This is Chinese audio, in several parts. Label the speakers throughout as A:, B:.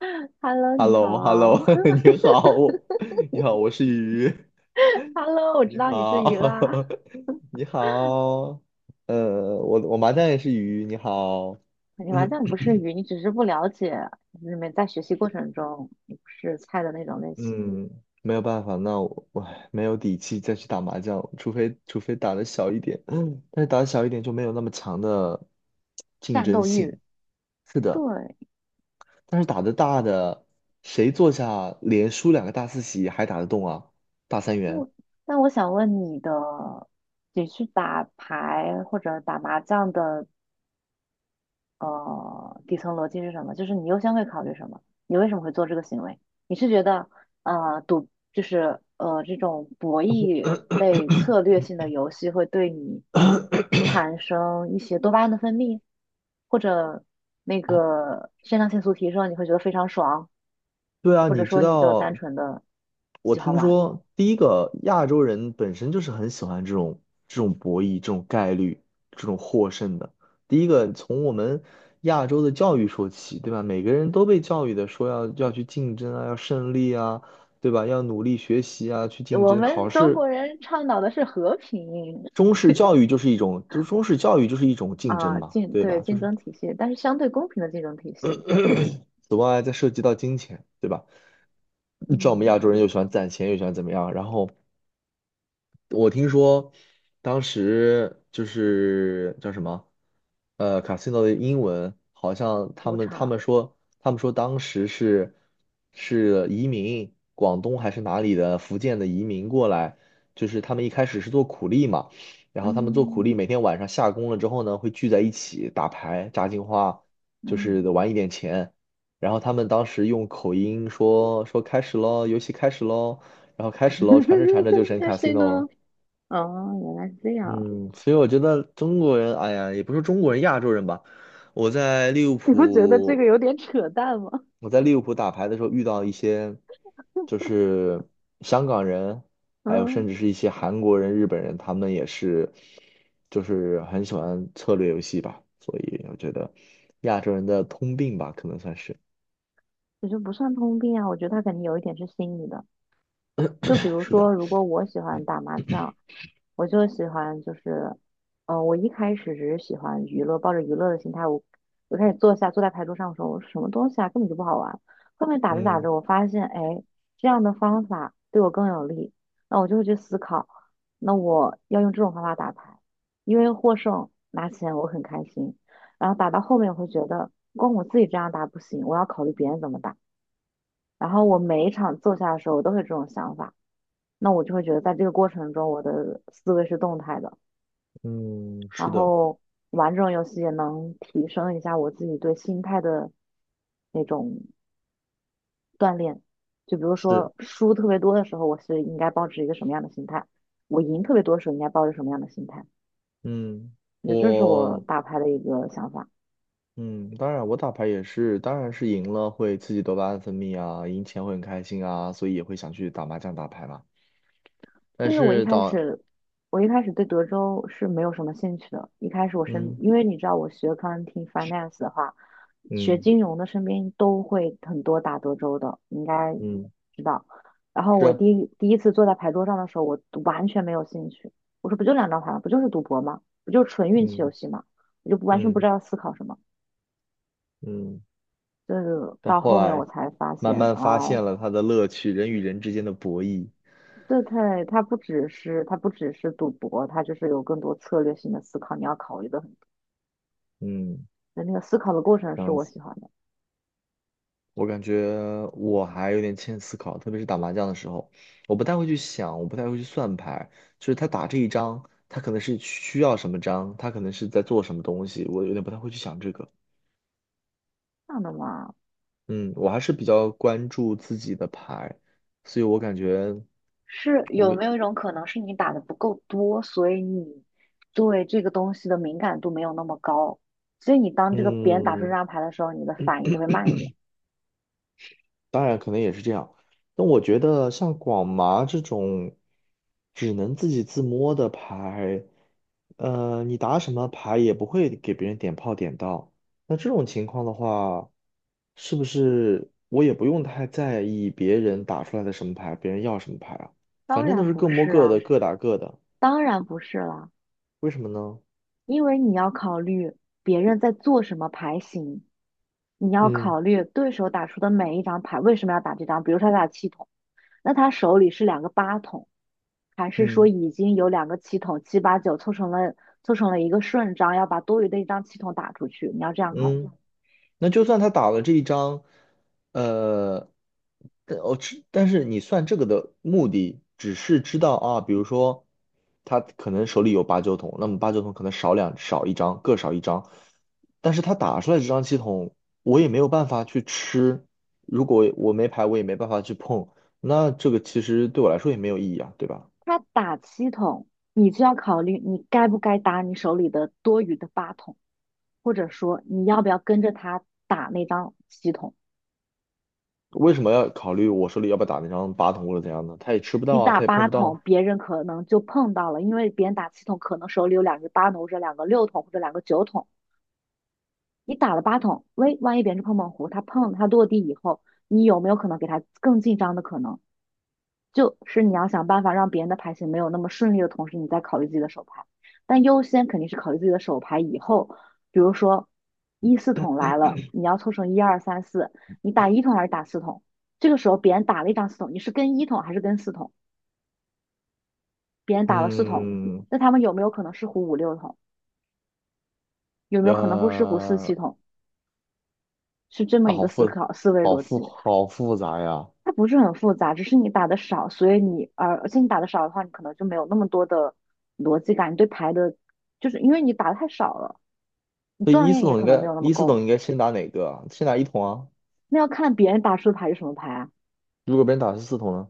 A: Hello，
B: h e l
A: 你
B: l o
A: 好。
B: h e l l o 你好，你好，我是鱼，
A: Hello，我知
B: 你
A: 道你是鱼啦。
B: 好。你好，我麻将也是鱼，你好。
A: 你完
B: 嗯
A: 全不是鱼，你只是不了解，你们在学习过程中你不是菜的那种类型，
B: 嗯，没有办法。那我没有底气再去打麻将，除非打的小一点，但是打的小一点就没有那么强的竞
A: 战
B: 争
A: 斗欲。
B: 性。是的，
A: 对，
B: 但是打的大的，谁坐下连输两个大四喜还打得动啊？大三
A: 那
B: 元。
A: 我那我想问你的，你去打牌或者打麻将的底层逻辑是什么？就是你优先会考虑什么？你为什么会做这个行为？你是觉得赌就是这种博弈类策略性的游戏会对你产生一些多巴胺的分泌，或者那个肾上腺素提升，你会觉得非常爽，
B: 对啊，
A: 或者
B: 你知
A: 说你就单
B: 道，
A: 纯的
B: 我
A: 喜欢
B: 听
A: 玩。
B: 说第一个亚洲人本身就是很喜欢这种博弈、这种概率、这种获胜的。第一个从我们亚洲的教育说起，对吧？每个人都被教育的说要去竞争啊，要胜利啊，对吧？要努力学习啊，去竞
A: 我
B: 争
A: 们
B: 考
A: 中
B: 试。
A: 国人倡导的是和平
B: 中式教育就是一种，就是中式教育就是一种竞争
A: 啊，
B: 嘛，对
A: 对，
B: 吧？就
A: 竞
B: 是
A: 争体系，但是相对公平的竞争体系。
B: 此外再涉及到金钱，对吧？你知道我们亚洲人
A: 嗯
B: 又喜欢攒钱，又喜欢怎么样，然后。我听说当时就是叫什么，casino 的英文好像他
A: 主
B: 们他
A: 场，
B: 们说他们说当时是是移民广东还是哪里的福建的移民过来，就是他们一开始是做苦力嘛。然后他们做苦
A: 嗯
B: 力每天晚上下工了之后呢，会聚在一起打牌、炸金花，就是
A: 嗯，
B: 玩一点钱。然后他们当时用口音说开始喽，游戏开始喽。然后开始喽，传着传着就成
A: 但是
B: casino
A: 呢，
B: 了。
A: 哦，原来是这样，
B: 嗯，所以我觉得中国人，哎呀，也不是中国人，亚洲人吧。我在利物
A: 你不觉得这个
B: 浦，
A: 有点扯淡吗？
B: 我在利物浦打牌的时候遇到一些，就是香港人，还有
A: 嗯，
B: 甚至是一些韩国人、日本人，他们也是，就是很喜欢策略游戏吧。所以我觉得亚洲人的通病吧，可能算是。
A: 我觉得不算通病啊，我觉得他肯定有一点是心理的。就比 如
B: 是的，
A: 说，如果我喜欢打麻将，我就喜欢就是，嗯，我一开始只是喜欢娱乐，抱着娱乐的心态，我开始坐下坐在牌桌上的时候，我说什么东西啊，根本就不好玩。后面打着打
B: 嗯
A: 着，我发现，哎，这样的方法对我更有利，那我就会去思考，那我要用这种方法打牌，因为获胜拿钱我很开心。然后打到后面，我会觉得光我自己这样打不行，我要考虑别人怎么打。然后我每一场坐下的时候，我都会有这种想法。那我就会觉得在这个过程中，我的思维是动态的，
B: 嗯，
A: 然
B: 是的，
A: 后玩这种游戏也能提升一下我自己对心态的那种锻炼。就比如
B: 是，
A: 说输特别多的时候，我是应该保持一个什么样的心态；我赢特别多的时候，应该抱着什么样的心态。
B: 嗯，
A: 我觉得这是我
B: 我。
A: 打牌的一个想法。
B: 嗯，当然，我打牌也是，当然是赢了会刺激多巴胺分泌啊，赢钱会很开心啊，所以也会想去打麻将、打牌嘛。但
A: 就是我一
B: 是
A: 开
B: 到
A: 始，我一开始对德州是没有什么兴趣的。一开始我身，
B: 嗯
A: 因为你知道我学 accounting finance 的话，学
B: 嗯
A: 金融的身边都会很多打德州的，你应该
B: 嗯，
A: 知道。然后
B: 是
A: 我
B: 啊，
A: 第一次坐在牌桌上的时候，我完全没有兴趣。我说不就两张牌吗？不就是赌博吗？不就是纯运气游
B: 嗯
A: 戏吗？我就不完全不
B: 嗯
A: 知道要思考什么。
B: 嗯。
A: 就是
B: 但
A: 到
B: 后
A: 后面我
B: 来
A: 才发
B: 慢
A: 现
B: 慢发
A: 啊，
B: 现了它的乐趣，人与人之间的博弈。
A: 这太它不只是赌博，它就是有更多策略性的思考，你要考虑的。很。
B: 嗯，
A: 的那个思考的过程是我喜欢的。
B: 我感觉我还有点欠思考，特别是打麻将的时候，我不太会去想，我不太会去算牌，就是他打这一张，他可能是需要什么张，他可能是在做什么东西，我有点不太会去想这个。
A: 这样的嘛，
B: 嗯，我还是比较关注自己的牌，所以我感觉
A: 是
B: 我
A: 有
B: 为
A: 没有一种可能是你打的不够多，所以你对这个东西的敏感度没有那么高，所以你当这个别人打出这
B: 嗯，
A: 张牌的时候，你的反应就会慢一点。
B: 当然可能也是这样。但我觉得像广麻这种只能自己自摸的牌，你打什么牌也不会给别人点炮点到。那这种情况的话，是不是我也不用太在意别人打出来的什么牌，别人要什么牌啊？
A: 当
B: 反正都
A: 然
B: 是
A: 不
B: 各摸
A: 是
B: 各的，
A: 啊，
B: 各打各的。
A: 当然不是啦，
B: 为什么呢？
A: 因为你要考虑别人在做什么牌型，你要
B: 嗯
A: 考虑对手打出的每一张牌为什么要打这张。比如说他打七筒，那他手里是两个八筒，还是说
B: 嗯，
A: 已经有两个气筒七八九凑成了一个顺张，要把多余的一张气筒打出去？你要这样考虑。
B: 嗯。那就算他打了这一张，呃，但哦，只但是你算这个的目的，只是知道啊，比如说他可能手里有八九筒，那么八九筒可能少两少一张，各少一张，但是他打出来这张七筒，我也没有办法去吃，如果我没牌，我也没办法去碰，那这个其实对我来说也没有意义啊，对吧？
A: 他打七筒，你就要考虑你该不该打你手里的多余的八筒，或者说你要不要跟着他打那张七筒。
B: 为什么要考虑我手里要不要打那张八筒或者怎样呢？他也吃不
A: 你
B: 到啊，
A: 打
B: 他也碰
A: 八
B: 不到
A: 筒，
B: 啊。
A: 别人可能就碰到了，因为别人打七筒可能手里有两个八筒或者两个六筒或者两个九筒。你打了八筒，喂，万一别人是碰碰胡，他碰他落地以后，你有没有可能给他更进张的可能？就是你要想办法让别人的牌型没有那么顺利的同时，你再考虑自己的手牌。但优先肯定是考虑自己的手牌。以后，比如说一四筒来了，你要凑成一二三四，你打一筒还是打四筒？这个时候别人打了一张四筒，你是跟一筒还是跟四筒？别人打了四筒，
B: 嗯，
A: 那他们有没有可能是胡五六筒？有没有可能会是胡四七
B: 呃，
A: 筒？是这么
B: 啊，
A: 一
B: 好
A: 个思
B: 复
A: 考思维
B: 好
A: 逻
B: 复
A: 辑。
B: 好复杂呀！
A: 它不是很复杂，只是你打的少，所以你而且你打的少的话，你可能就没有那么多的逻辑感，你对牌的，就是因为你打的太少了，你
B: 所以
A: 锻
B: 一四
A: 炼也
B: 筒应
A: 可能没
B: 该
A: 有那么
B: 一四筒
A: 够。
B: 应该先打哪个啊？先打一筒啊？
A: 那要看别人打出的牌是什么牌啊？
B: 如果别人打的是四筒呢？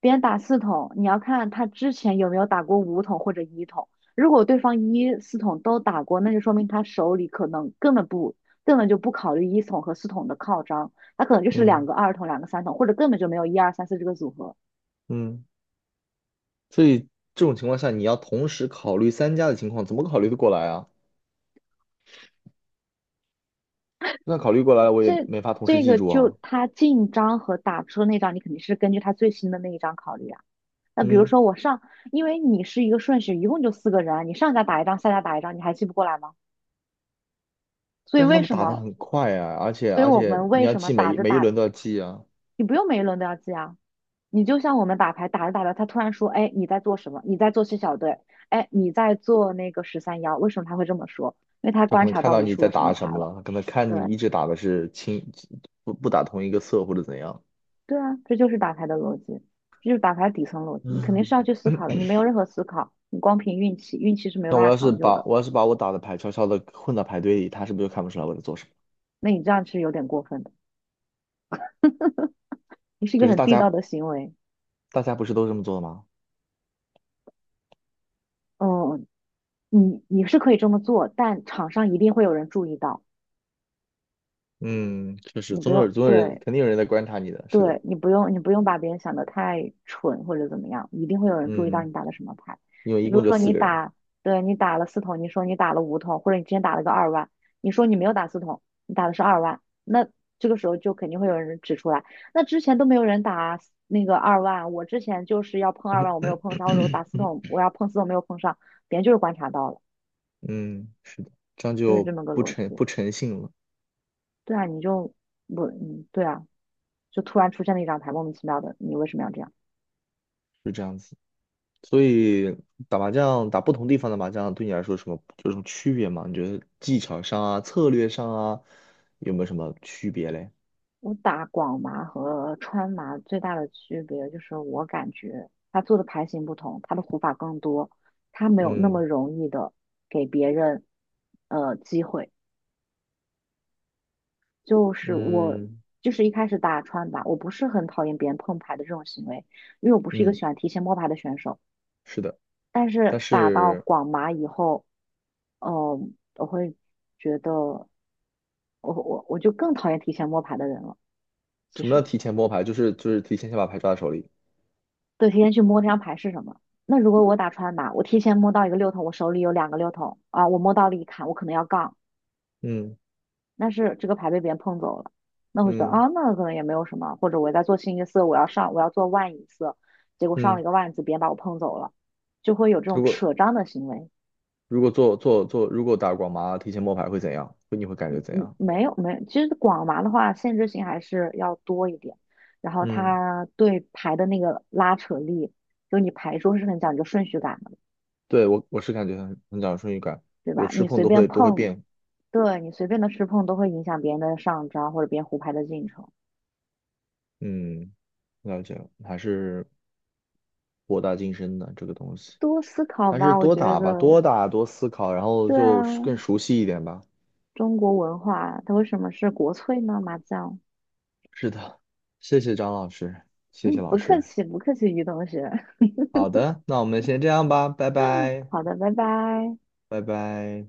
A: 别人打四筒，你要看他之前有没有打过五筒或者一筒。如果对方一四筒都打过，那就说明他手里可能根本就不考虑一筒和四筒的靠张，他可能就是两
B: 嗯
A: 个二筒、两个三筒，或者根本就没有一二三四这个组合。
B: 嗯，所以这种情况下，你要同时考虑三家的情况，怎么考虑得过来啊？那考虑过来了我也
A: 这
B: 没法同时
A: 这
B: 记
A: 个
B: 住
A: 就
B: 啊。
A: 他进张和打出那张，你肯定是根据他最新的那一张考虑啊。那比如
B: 嗯，
A: 说我上，因为你是一个顺序，一共就四个人啊，你上家打一张，下家打一张，你还记不过来吗？所以
B: 但是他
A: 为
B: 们
A: 什
B: 打的
A: 么？
B: 很快啊，而且
A: 所以
B: 而
A: 我
B: 且
A: 们
B: 你
A: 为
B: 要
A: 什么
B: 记
A: 打
B: 每一
A: 着
B: 每一
A: 打，
B: 轮都要记啊。
A: 你不用每一轮都要记啊？你就像我们打牌，打着打着，他突然说，哎，你在做什么？你在做七小队，哎，你在做那个十三幺，为什么他会这么说？因为他
B: 他可
A: 观
B: 能
A: 察
B: 看
A: 到
B: 到
A: 你
B: 你
A: 出
B: 在
A: 了什么
B: 打
A: 牌
B: 什么
A: 了。
B: 了，他可能看
A: 对，
B: 你一直打的是清不不打同一个色或者怎样。
A: 对啊，这就是打牌的逻辑，这就是打牌底层逻辑。你肯定
B: 嗯。
A: 是要去思 考的，你没有任何思考，你光凭运气，运气是没有
B: 那
A: 办
B: 我
A: 法
B: 要是
A: 长久
B: 把
A: 的。
B: 我要是把我打的牌悄悄的混到牌堆里，他是不是就看不出来我在做什么？
A: 那你这样是有点过分的，你是一
B: 可
A: 个
B: 是
A: 很
B: 大
A: 地道
B: 家
A: 的行为。
B: 大家不是都这么做的吗？
A: 嗯，你是可以这么做，但场上一定会有人注意到，
B: 嗯，确实，
A: 你不
B: 总有
A: 用，
B: 总有人
A: 对，
B: 肯定有人在观察你的，是
A: 对，
B: 的。
A: 你不用，你不用把别人想得太蠢或者怎么样，一定会有人注意到
B: 嗯，
A: 你打的什么牌。
B: 因为
A: 就
B: 一
A: 比如
B: 共就
A: 说
B: 四
A: 你
B: 个人。
A: 打，对，你打了四筒，你说你打了五筒，或者你之前打了个二万，你说你没有打四筒，你打的是二万，那这个时候就肯定会有人指出来，那之前都没有人打那个二万，我之前就是要碰二万，我没有碰上，或者我打四 筒，我要碰四筒没有碰上，别人就是观察到了，
B: 嗯，是的，这样
A: 就是这
B: 就
A: 么个逻辑。
B: 不诚信了。
A: 对啊，你就不，嗯，对啊，就突然出现了一张牌，莫名其妙的，你为什么要这样？
B: 是这样子。所以打麻将，打不同地方的麻将，对你来说有什么区别吗？你觉得技巧上啊、策略上啊，有没有什么区别嘞？
A: 我打广麻和川麻最大的区别就是，我感觉他做的牌型不同，他的胡法更多，他没有那么
B: 嗯
A: 容易的给别人机会。就是我
B: 嗯
A: 就是一开始打川麻，我不是很讨厌别人碰牌的这种行为，因为我不是一个
B: 嗯，
A: 喜欢提前摸牌的选手。
B: 是的。
A: 但
B: 但
A: 是打到
B: 是。
A: 广麻以后，呃，我会觉得我就更讨厌提前摸牌的人了。其
B: 什么叫
A: 实。
B: 提前摸牌？就是提前先把牌抓在手里。
A: 对，提前去摸这张牌是什么。那如果我打川麻，我提前摸到一个六筒，我手里有两个六筒啊，我摸到了一砍，我可能要杠，
B: 嗯
A: 但是这个牌被别人碰走了，那我觉得
B: 嗯
A: 啊，那可能也没有什么，或者我在做清一色，我要上，我要做万一色，结果上了一
B: 嗯，
A: 个万字，别人把我碰走了，就会有这
B: 如
A: 种
B: 果
A: 扯张的行为。
B: 如果做做做，如果打广麻提前摸牌会怎样？会你会感觉怎
A: 嗯，
B: 样？
A: 没有没有，其实广麻的话，限制性还是要多一点，然后
B: 嗯，
A: 它对牌的那个拉扯力，就你牌桌是很讲究顺序感的，
B: 对我是感觉很讲顺序感，
A: 对
B: 有
A: 吧？
B: 吃
A: 你
B: 碰
A: 随
B: 都
A: 便
B: 会都会
A: 碰。
B: 变。
A: 对你随便的吃碰都会影响别人的上招或者别人胡牌的进程。
B: 嗯，了解了。还是博大精深的这个东西，
A: 多思考
B: 还是
A: 吧，我
B: 多
A: 觉
B: 打吧，
A: 得。
B: 多打多思考，然后
A: 对啊，
B: 就是更熟悉一点吧。
A: 中国文化它为什么是国粹呢？麻将。
B: 是的，谢谢张老师，谢谢
A: 嗯，
B: 老
A: 不客
B: 师。
A: 气，不客气，于同学。
B: 好的，那我们先这样吧。拜拜，
A: 好的，拜拜。
B: 拜拜。